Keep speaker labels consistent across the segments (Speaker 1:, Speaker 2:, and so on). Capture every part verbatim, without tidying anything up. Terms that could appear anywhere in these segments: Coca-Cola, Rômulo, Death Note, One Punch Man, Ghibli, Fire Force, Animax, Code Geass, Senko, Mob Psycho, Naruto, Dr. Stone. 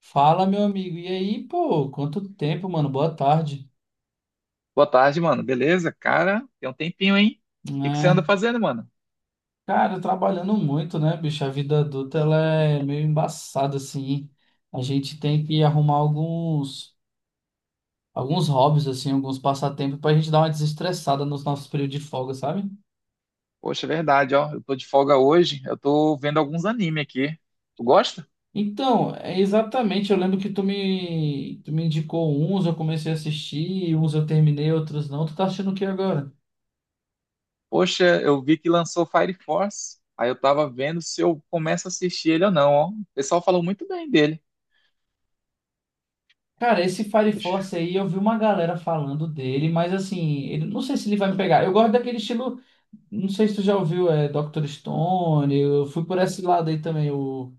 Speaker 1: Fala, meu amigo. E aí, pô, quanto tempo, mano? Boa tarde,
Speaker 2: Boa tarde, mano. Beleza? Cara, tem um tempinho, hein? O que que você anda
Speaker 1: né?
Speaker 2: fazendo, mano?
Speaker 1: Cara, trabalhando muito, né, bicho? A vida adulta, ela é meio embaçada, assim. A gente tem que arrumar alguns, alguns hobbies, assim, alguns passatempos pra gente dar uma desestressada nos nossos períodos de folga, sabe?
Speaker 2: Poxa, é verdade, ó. Eu tô de folga hoje. Eu tô vendo alguns anime aqui. Tu gosta?
Speaker 1: Então, é exatamente, eu lembro que tu me, tu me indicou uns, eu comecei a assistir, uns eu terminei, outros não. Tu tá assistindo o que agora?
Speaker 2: Poxa, eu vi que lançou Fire Force. Aí eu tava vendo se eu começo a assistir ele ou não, ó. O pessoal falou muito bem dele.
Speaker 1: Cara, esse Fire
Speaker 2: Deixa-
Speaker 1: Force aí, eu vi uma galera falando dele, mas assim, ele, não sei se ele vai me pegar. Eu gosto daquele estilo, não sei se tu já ouviu, é doutor Stone, eu fui por esse lado aí também, o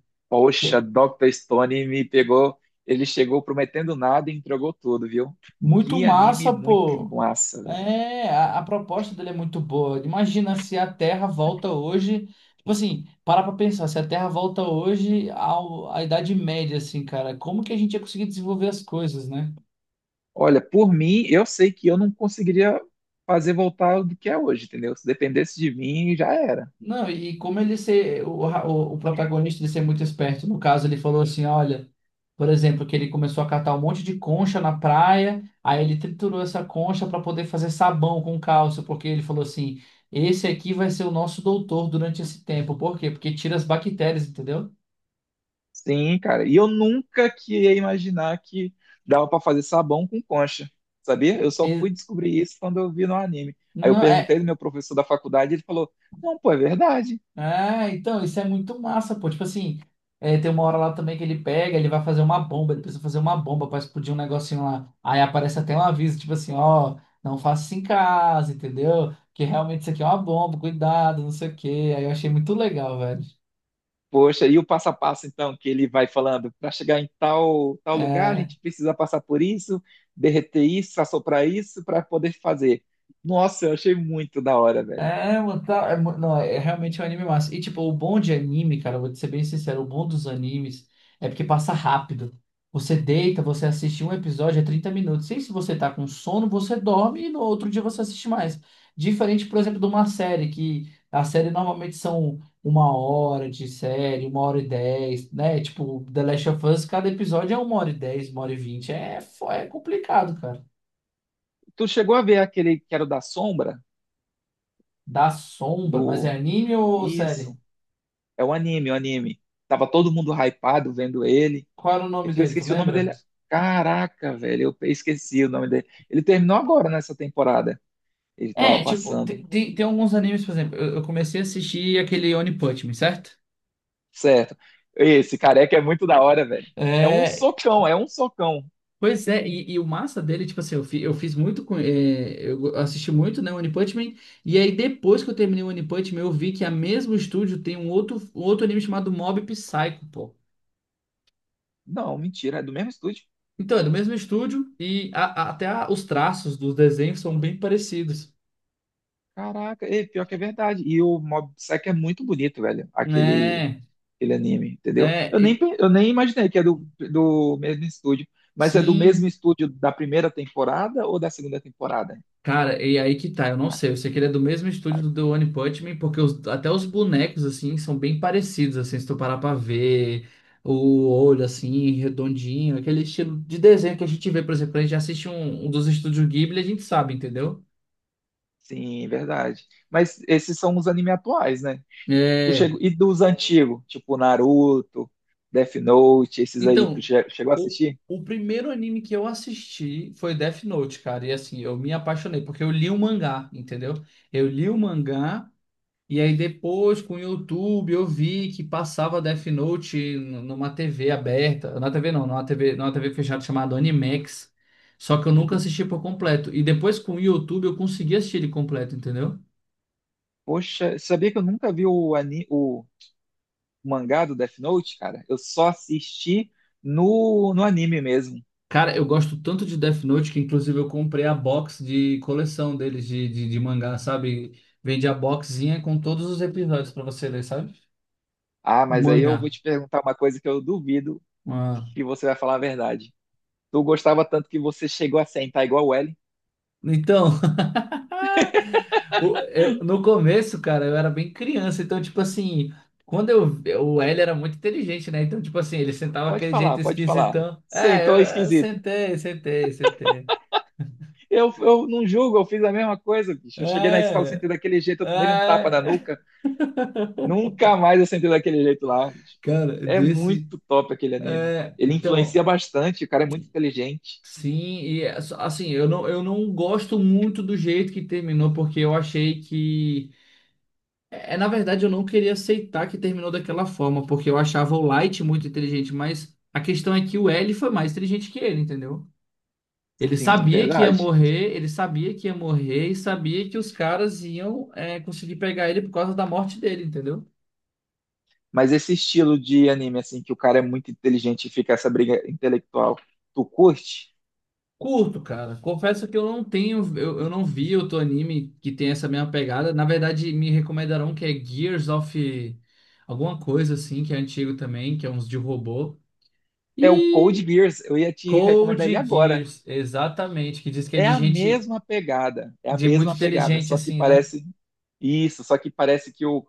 Speaker 1: que
Speaker 2: Poxa,
Speaker 1: é
Speaker 2: Doutor Stone me pegou. Ele chegou prometendo nada e entregou tudo, viu?
Speaker 1: muito
Speaker 2: Que anime
Speaker 1: massa,
Speaker 2: muito
Speaker 1: pô.
Speaker 2: massa, velho.
Speaker 1: É, a, a proposta dele é muito boa. Imagina se a Terra volta hoje, tipo assim, para pra pensar, se a Terra volta hoje ao, à Idade Média, assim, cara, como que a gente ia conseguir desenvolver as coisas, né?
Speaker 2: Olha, por mim, eu sei que eu não conseguiria fazer voltar do que é hoje, entendeu? Se dependesse de mim, já era.
Speaker 1: Não, e como ele ser, o, o, o protagonista de ser muito esperto, no caso, ele falou assim, olha, por exemplo, que ele começou a catar um monte de concha na praia, aí ele triturou essa concha para poder fazer sabão com cálcio, porque ele falou assim, esse aqui vai ser o nosso doutor durante esse tempo. Por quê? Porque tira as bactérias, entendeu?
Speaker 2: Sim, cara. E eu nunca que ia imaginar que dava pra fazer sabão com concha, sabia? Eu só fui
Speaker 1: E-
Speaker 2: descobrir isso quando eu vi no anime. Aí eu
Speaker 1: não,
Speaker 2: perguntei
Speaker 1: é,
Speaker 2: do meu professor da faculdade, ele falou: "Não, pô, é verdade."
Speaker 1: é, então, isso é muito massa, pô. Tipo assim, é, tem uma hora lá também que ele pega, ele vai fazer uma bomba, ele precisa fazer uma bomba pra explodir um negocinho lá. Aí aparece até um aviso, tipo assim, ó, não faça isso em casa, entendeu? Que realmente isso aqui é uma bomba, cuidado, não sei o quê. Aí eu achei muito legal, velho.
Speaker 2: Poxa, e o passo a passo então que ele vai falando, para chegar em tal tal lugar, a
Speaker 1: É.
Speaker 2: gente precisa passar por isso, derreter isso, assoprar isso para poder fazer. Nossa, eu achei muito da hora, velho.
Speaker 1: É, mano, tá, é, mu- não, é é realmente um anime massa. E tipo, o bom de anime, cara, eu vou te ser bem sincero, o bom dos animes é porque passa rápido. Você deita, você assiste um episódio é trinta minutos. E se você tá com sono, você dorme e no outro dia você assiste mais. Diferente, por exemplo, de uma série, que a série normalmente são uma hora de série, uma hora e dez, né? Tipo, The Last of Us, cada episódio é uma hora e dez, uma hora e vinte. É, fo- é complicado, cara.
Speaker 2: Tu chegou a ver aquele que era o da sombra?
Speaker 1: Dá sombra, mas é
Speaker 2: Do.
Speaker 1: anime ou série?
Speaker 2: Isso. É o anime, o anime. Tava todo mundo hypado vendo ele.
Speaker 1: Qual era o
Speaker 2: É
Speaker 1: nome
Speaker 2: que eu
Speaker 1: dele, tu
Speaker 2: esqueci o nome
Speaker 1: lembra?
Speaker 2: dele. Caraca, velho, eu esqueci o nome dele. Ele terminou agora nessa temporada. Ele tava
Speaker 1: É, tipo,
Speaker 2: passando.
Speaker 1: tem, tem, tem alguns animes, por exemplo, eu, eu comecei a assistir aquele One Punch Man, certo?
Speaker 2: Certo. Esse careca é muito da hora, velho. É um
Speaker 1: É,
Speaker 2: socão, é um socão.
Speaker 1: pois é, e, e o massa dele, tipo assim, eu, fi, eu fiz muito com. É, eu assisti muito, né, One Punch Man, e aí depois que eu terminei o One Punch Man, eu vi que a mesmo estúdio tem um outro, um outro, anime chamado Mob Psycho, pô.
Speaker 2: Não, mentira, é do mesmo estúdio.
Speaker 1: Então, é do mesmo estúdio, e a- a- até a- os traços dos desenhos são bem parecidos,
Speaker 2: Caraca, é, pior que é verdade. E o Mob Psycho é muito bonito, velho. Aquele
Speaker 1: né?
Speaker 2: aquele anime, entendeu?
Speaker 1: Né?
Speaker 2: Eu nem,
Speaker 1: E-
Speaker 2: pe- eu nem imaginei que é do, do mesmo estúdio, mas é do mesmo
Speaker 1: sim.
Speaker 2: estúdio da primeira temporada ou da segunda temporada?
Speaker 1: Cara, e aí que tá, eu não sei. Eu sei que ele é do mesmo estúdio
Speaker 2: Ah.
Speaker 1: do The One Punch Man, porque os- até os bonecos, assim, são bem parecidos, assim, se tu parar pra ver o olho, assim, redondinho, aquele estilo de desenho que a gente vê, por exemplo, quando a gente assiste um, um dos estúdios Ghibli, a gente sabe, entendeu?
Speaker 2: Sim, verdade. Mas esses são os animes atuais, né? Tu
Speaker 1: É.
Speaker 2: chegou, e dos antigos, tipo Naruto, Death Note, esses aí, tu
Speaker 1: Então,
Speaker 2: che- chegou a
Speaker 1: o,
Speaker 2: assistir?
Speaker 1: o primeiro anime que eu assisti foi Death Note, cara, e assim, eu me apaixonei, porque eu li o mangá, entendeu? Eu li o mangá. E aí depois com o YouTube eu vi que passava Death Note n- numa T V aberta, na T V não, numa T V, numa T V fechada chamada Animax. Só que eu nunca assisti por completo. E depois com o YouTube eu consegui assistir ele completo, entendeu?
Speaker 2: Poxa, sabia que eu nunca vi o, ani, o mangá do Death Note, cara? Eu só assisti no, no anime mesmo.
Speaker 1: Cara, eu gosto tanto de Death Note que inclusive eu comprei a box de coleção deles de, de, de mangá, sabe? Vende a boxinha com todos os episódios pra você ler, sabe?
Speaker 2: Ah,
Speaker 1: O
Speaker 2: mas aí
Speaker 1: mangá.
Speaker 2: eu vou te perguntar uma coisa que eu duvido
Speaker 1: Ah.
Speaker 2: que você vai falar a verdade. Tu gostava tanto que você chegou a sentar igual o Ellen.
Speaker 1: Então, O- eu- no começo, cara, eu era bem criança, então, tipo assim, quando eu. O L era muito inteligente, né? Então, tipo assim, ele sentava
Speaker 2: Pode
Speaker 1: aquele
Speaker 2: falar,
Speaker 1: jeito
Speaker 2: pode falar.
Speaker 1: esquisitão. É, eu,
Speaker 2: Sentou
Speaker 1: eu
Speaker 2: esquisito.
Speaker 1: sentei, sentei, sentei.
Speaker 2: Eu, eu não julgo, eu fiz a mesma coisa, bicho. Eu cheguei na escola,
Speaker 1: É,
Speaker 2: sentei daquele jeito, eu tomei um tapa na
Speaker 1: é.
Speaker 2: nuca. Nunca mais eu sentei daquele jeito lá, bicho.
Speaker 1: Cara,
Speaker 2: É
Speaker 1: desse.
Speaker 2: muito top aquele anime.
Speaker 1: É,
Speaker 2: Ele influencia
Speaker 1: então,
Speaker 2: bastante, o cara é muito inteligente.
Speaker 1: sim, e é só- assim, eu não, eu não gosto muito do jeito que terminou, porque eu achei que. É, na verdade, eu não queria aceitar que terminou daquela forma, porque eu achava o Light muito inteligente, mas a questão é que o L foi mais inteligente que ele, entendeu? Ele
Speaker 2: Sim, é
Speaker 1: sabia que ia
Speaker 2: verdade.
Speaker 1: morrer, ele sabia que ia morrer e sabia que os caras iam, é, conseguir pegar ele por causa da morte dele, entendeu?
Speaker 2: Mas esse estilo de anime, assim, que o cara é muito inteligente e fica essa briga intelectual, tu curte?
Speaker 1: Curto, cara. Confesso que eu não tenho, eu, eu não vi outro anime que tem essa mesma pegada. Na verdade, me recomendaram que é Gears of alguma coisa assim, que é antigo também, que é uns de robô.
Speaker 2: É o Code
Speaker 1: E
Speaker 2: Geass. Eu ia te recomendar ele
Speaker 1: Code
Speaker 2: agora.
Speaker 1: Geass, exatamente, que diz que é
Speaker 2: É
Speaker 1: de
Speaker 2: a
Speaker 1: gente
Speaker 2: mesma pegada, é a
Speaker 1: de muito
Speaker 2: mesma pegada,
Speaker 1: inteligente
Speaker 2: só que
Speaker 1: assim, né?
Speaker 2: parece isso, só que parece que o,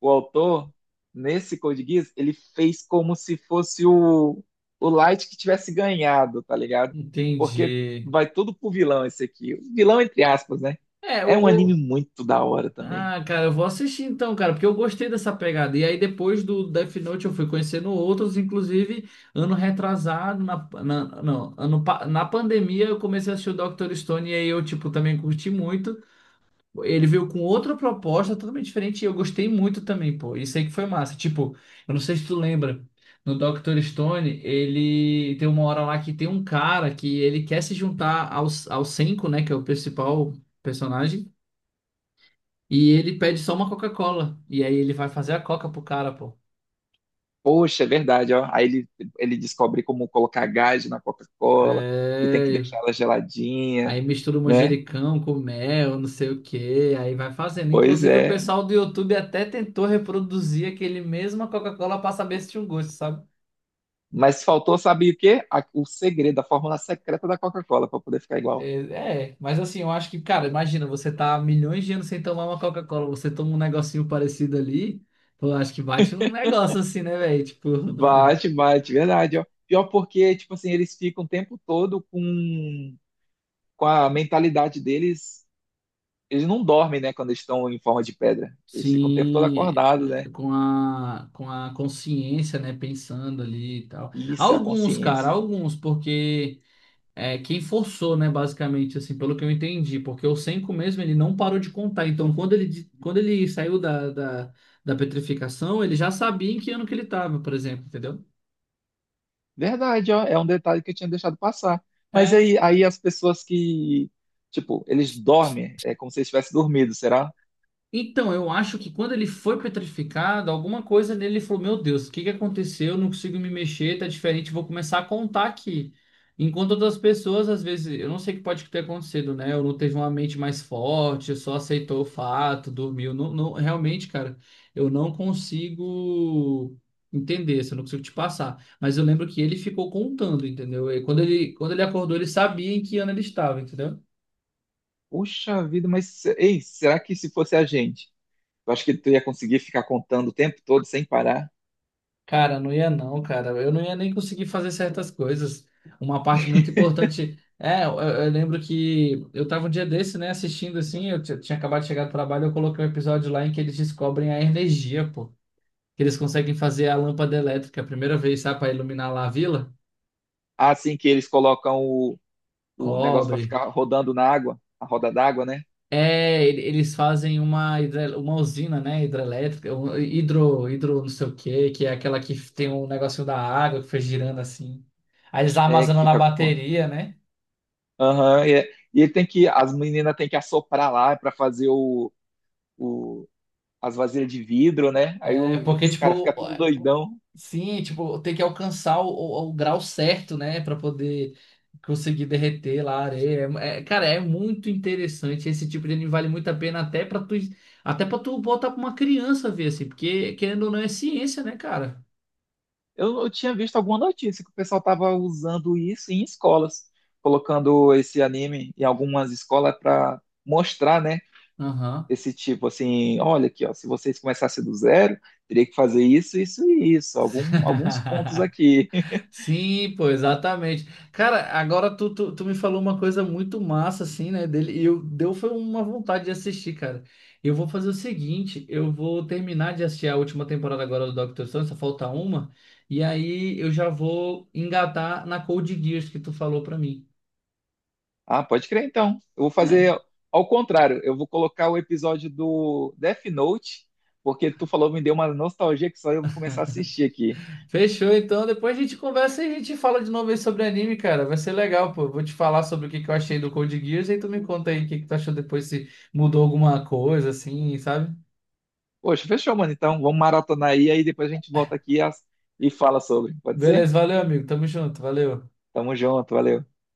Speaker 2: o autor, nesse Code Geass, ele fez como se fosse o, o Light que tivesse ganhado, tá ligado? Porque
Speaker 1: Entendi.
Speaker 2: vai tudo pro vilão esse aqui. O vilão, entre aspas, né?
Speaker 1: É. o,
Speaker 2: É um anime
Speaker 1: o-
Speaker 2: muito da hora também.
Speaker 1: Ah, cara, eu vou assistir então, cara, porque eu gostei dessa pegada. E aí depois do Death Note eu fui conhecendo outros, inclusive ano retrasado na, na não, ano pa- na pandemia eu comecei a assistir o doutor Stone e aí eu tipo também curti muito. Ele veio com outra proposta totalmente diferente e eu gostei muito também, pô. Isso aí que foi massa. Tipo, eu não sei se tu lembra, no doutor Stone, ele tem uma hora lá que tem um cara que ele quer se juntar aos ao Senko, né, que é o principal personagem, e ele pede só uma Coca-Cola. E aí ele vai fazer a Coca pro cara, pô.
Speaker 2: Poxa, é verdade, ó. Aí ele, ele descobre como colocar gás na Coca-Cola e tem que
Speaker 1: É,
Speaker 2: deixar ela geladinha,
Speaker 1: aí mistura o
Speaker 2: né?
Speaker 1: manjericão com mel, não sei o que, aí vai fazendo.
Speaker 2: Pois
Speaker 1: Inclusive, o
Speaker 2: é.
Speaker 1: pessoal do YouTube até tentou reproduzir aquele mesmo a Coca-Cola pra saber se tinha um gosto, sabe?
Speaker 2: Mas faltou, sabe o quê? A- o segredo, a fórmula secreta da Coca-Cola para poder ficar igual.
Speaker 1: É, é, mas assim, eu acho que, cara, imagina, você tá há milhões de anos sem tomar uma Coca-Cola, você toma um negocinho parecido ali, eu acho que bate num negócio assim, né, velho? Tipo,
Speaker 2: Bate, bate, verdade, ó. Pior porque, tipo assim, eles ficam o tempo todo com, com a mentalidade deles. Eles não dormem, né, quando eles estão em forma de pedra. Eles ficam o tempo todo
Speaker 1: sim,
Speaker 2: acordados, né?
Speaker 1: com a, com a consciência, né, pensando ali e tal.
Speaker 2: Isso é a
Speaker 1: Alguns, cara,
Speaker 2: consciência.
Speaker 1: alguns, porque é, quem forçou, né, basicamente, assim, pelo que eu entendi, porque o Senko mesmo, ele não parou de contar, então quando ele, di- quando ele saiu da, da, da petrificação, ele já sabia em que ano que ele tava, por exemplo, entendeu?
Speaker 2: Verdade, ó. É um detalhe que eu tinha deixado passar. Mas
Speaker 1: É,
Speaker 2: aí, aí as pessoas que, tipo, eles dormem, é como se eles tivessem dormido, será?
Speaker 1: então, eu acho que quando ele foi petrificado, alguma coisa nele falou: Meu Deus, o que que aconteceu? Eu não consigo me mexer, tá diferente, vou começar a contar aqui. Enquanto outras pessoas, às vezes, eu não sei o que pode ter acontecido, né? Ou não teve uma mente mais forte, só aceitou o fato, dormiu. Não, não- realmente, cara, eu não consigo entender, isso, eu não consigo te passar. Mas eu lembro que ele ficou contando, entendeu? E quando ele, quando ele acordou, ele sabia em que ano ele estava, entendeu?
Speaker 2: Puxa vida, mas, ei, será que se fosse a gente? Eu acho que tu ia conseguir ficar contando o tempo todo sem parar.
Speaker 1: Cara, não ia não, cara. Eu não ia nem conseguir fazer certas coisas. Uma parte muito importante. É, eu, eu lembro que eu tava um dia desse, né, assistindo assim, eu ti- tinha acabado de chegar do trabalho, eu coloquei um episódio lá em que eles descobrem a energia, pô. Que eles conseguem fazer a lâmpada elétrica a primeira vez, sabe, pra iluminar lá a vila?
Speaker 2: Assim que eles colocam o, o negócio para
Speaker 1: Cobre.
Speaker 2: ficar rodando na água, a roda d'água, né?
Speaker 1: É, ele- eles fazem uma, hidre- uma usina, né, hidrelétrica, um hidro, hidro não sei o quê, que é aquela que tem um negocinho da água que foi girando assim. Aí eles
Speaker 2: É, que
Speaker 1: armazenam na
Speaker 2: fica. com-
Speaker 1: bateria, né?
Speaker 2: Aham, e, é- e ele tem que. As meninas têm que assoprar lá para fazer o, o, as vasilhas de vidro, né? Aí
Speaker 1: É
Speaker 2: o-
Speaker 1: porque,
Speaker 2: os caras
Speaker 1: tipo,
Speaker 2: ficam tudo doidão.
Speaker 1: sim, tipo, tem que alcançar o, o- o grau certo, né, pra poder conseguir derreter lá a areia. É- é- cara, é muito interessante. Esse tipo de anime vale muito a pena até pra tu, até para tu botar pra uma criança ver, assim, porque querendo ou não é ciência, né, cara?
Speaker 2: Eu, eu tinha visto alguma notícia que o pessoal tava usando isso em escolas, colocando esse anime em algumas escolas para mostrar, né?
Speaker 1: Aham.
Speaker 2: Esse tipo assim, olha aqui, ó, se vocês começassem do zero, teria que fazer isso, isso e isso, algum, alguns pontos aqui.
Speaker 1: Sim, pô, exatamente. Cara, agora tu, tu, tu me falou uma coisa muito massa, assim, né, dele, e eu, deu foi uma vontade de assistir, cara. Eu vou fazer o seguinte, eu vou terminar de assistir a última temporada agora do Doctor Stone, só falta uma, e aí eu já vou engatar na Code Geass que tu falou pra mim.
Speaker 2: Ah, pode crer então. Eu vou
Speaker 1: É.
Speaker 2: fazer ao contrário, eu vou colocar o episódio do Death Note, porque tu falou, me deu uma nostalgia que só eu vou começar a assistir aqui.
Speaker 1: Fechou, então, depois a gente conversa e a gente fala de novo aí sobre anime, cara. Vai ser legal, pô. Eu vou te falar sobre o que que eu achei do Code Geass, e tu me conta aí o que que tu achou depois, se mudou alguma coisa, assim, sabe?
Speaker 2: Poxa, fechou, mano. Então, vamos maratonar aí, aí depois a gente volta aqui as- e fala sobre. Pode ser?
Speaker 1: Beleza, valeu, amigo. Tamo junto, valeu.
Speaker 2: Tamo junto, valeu.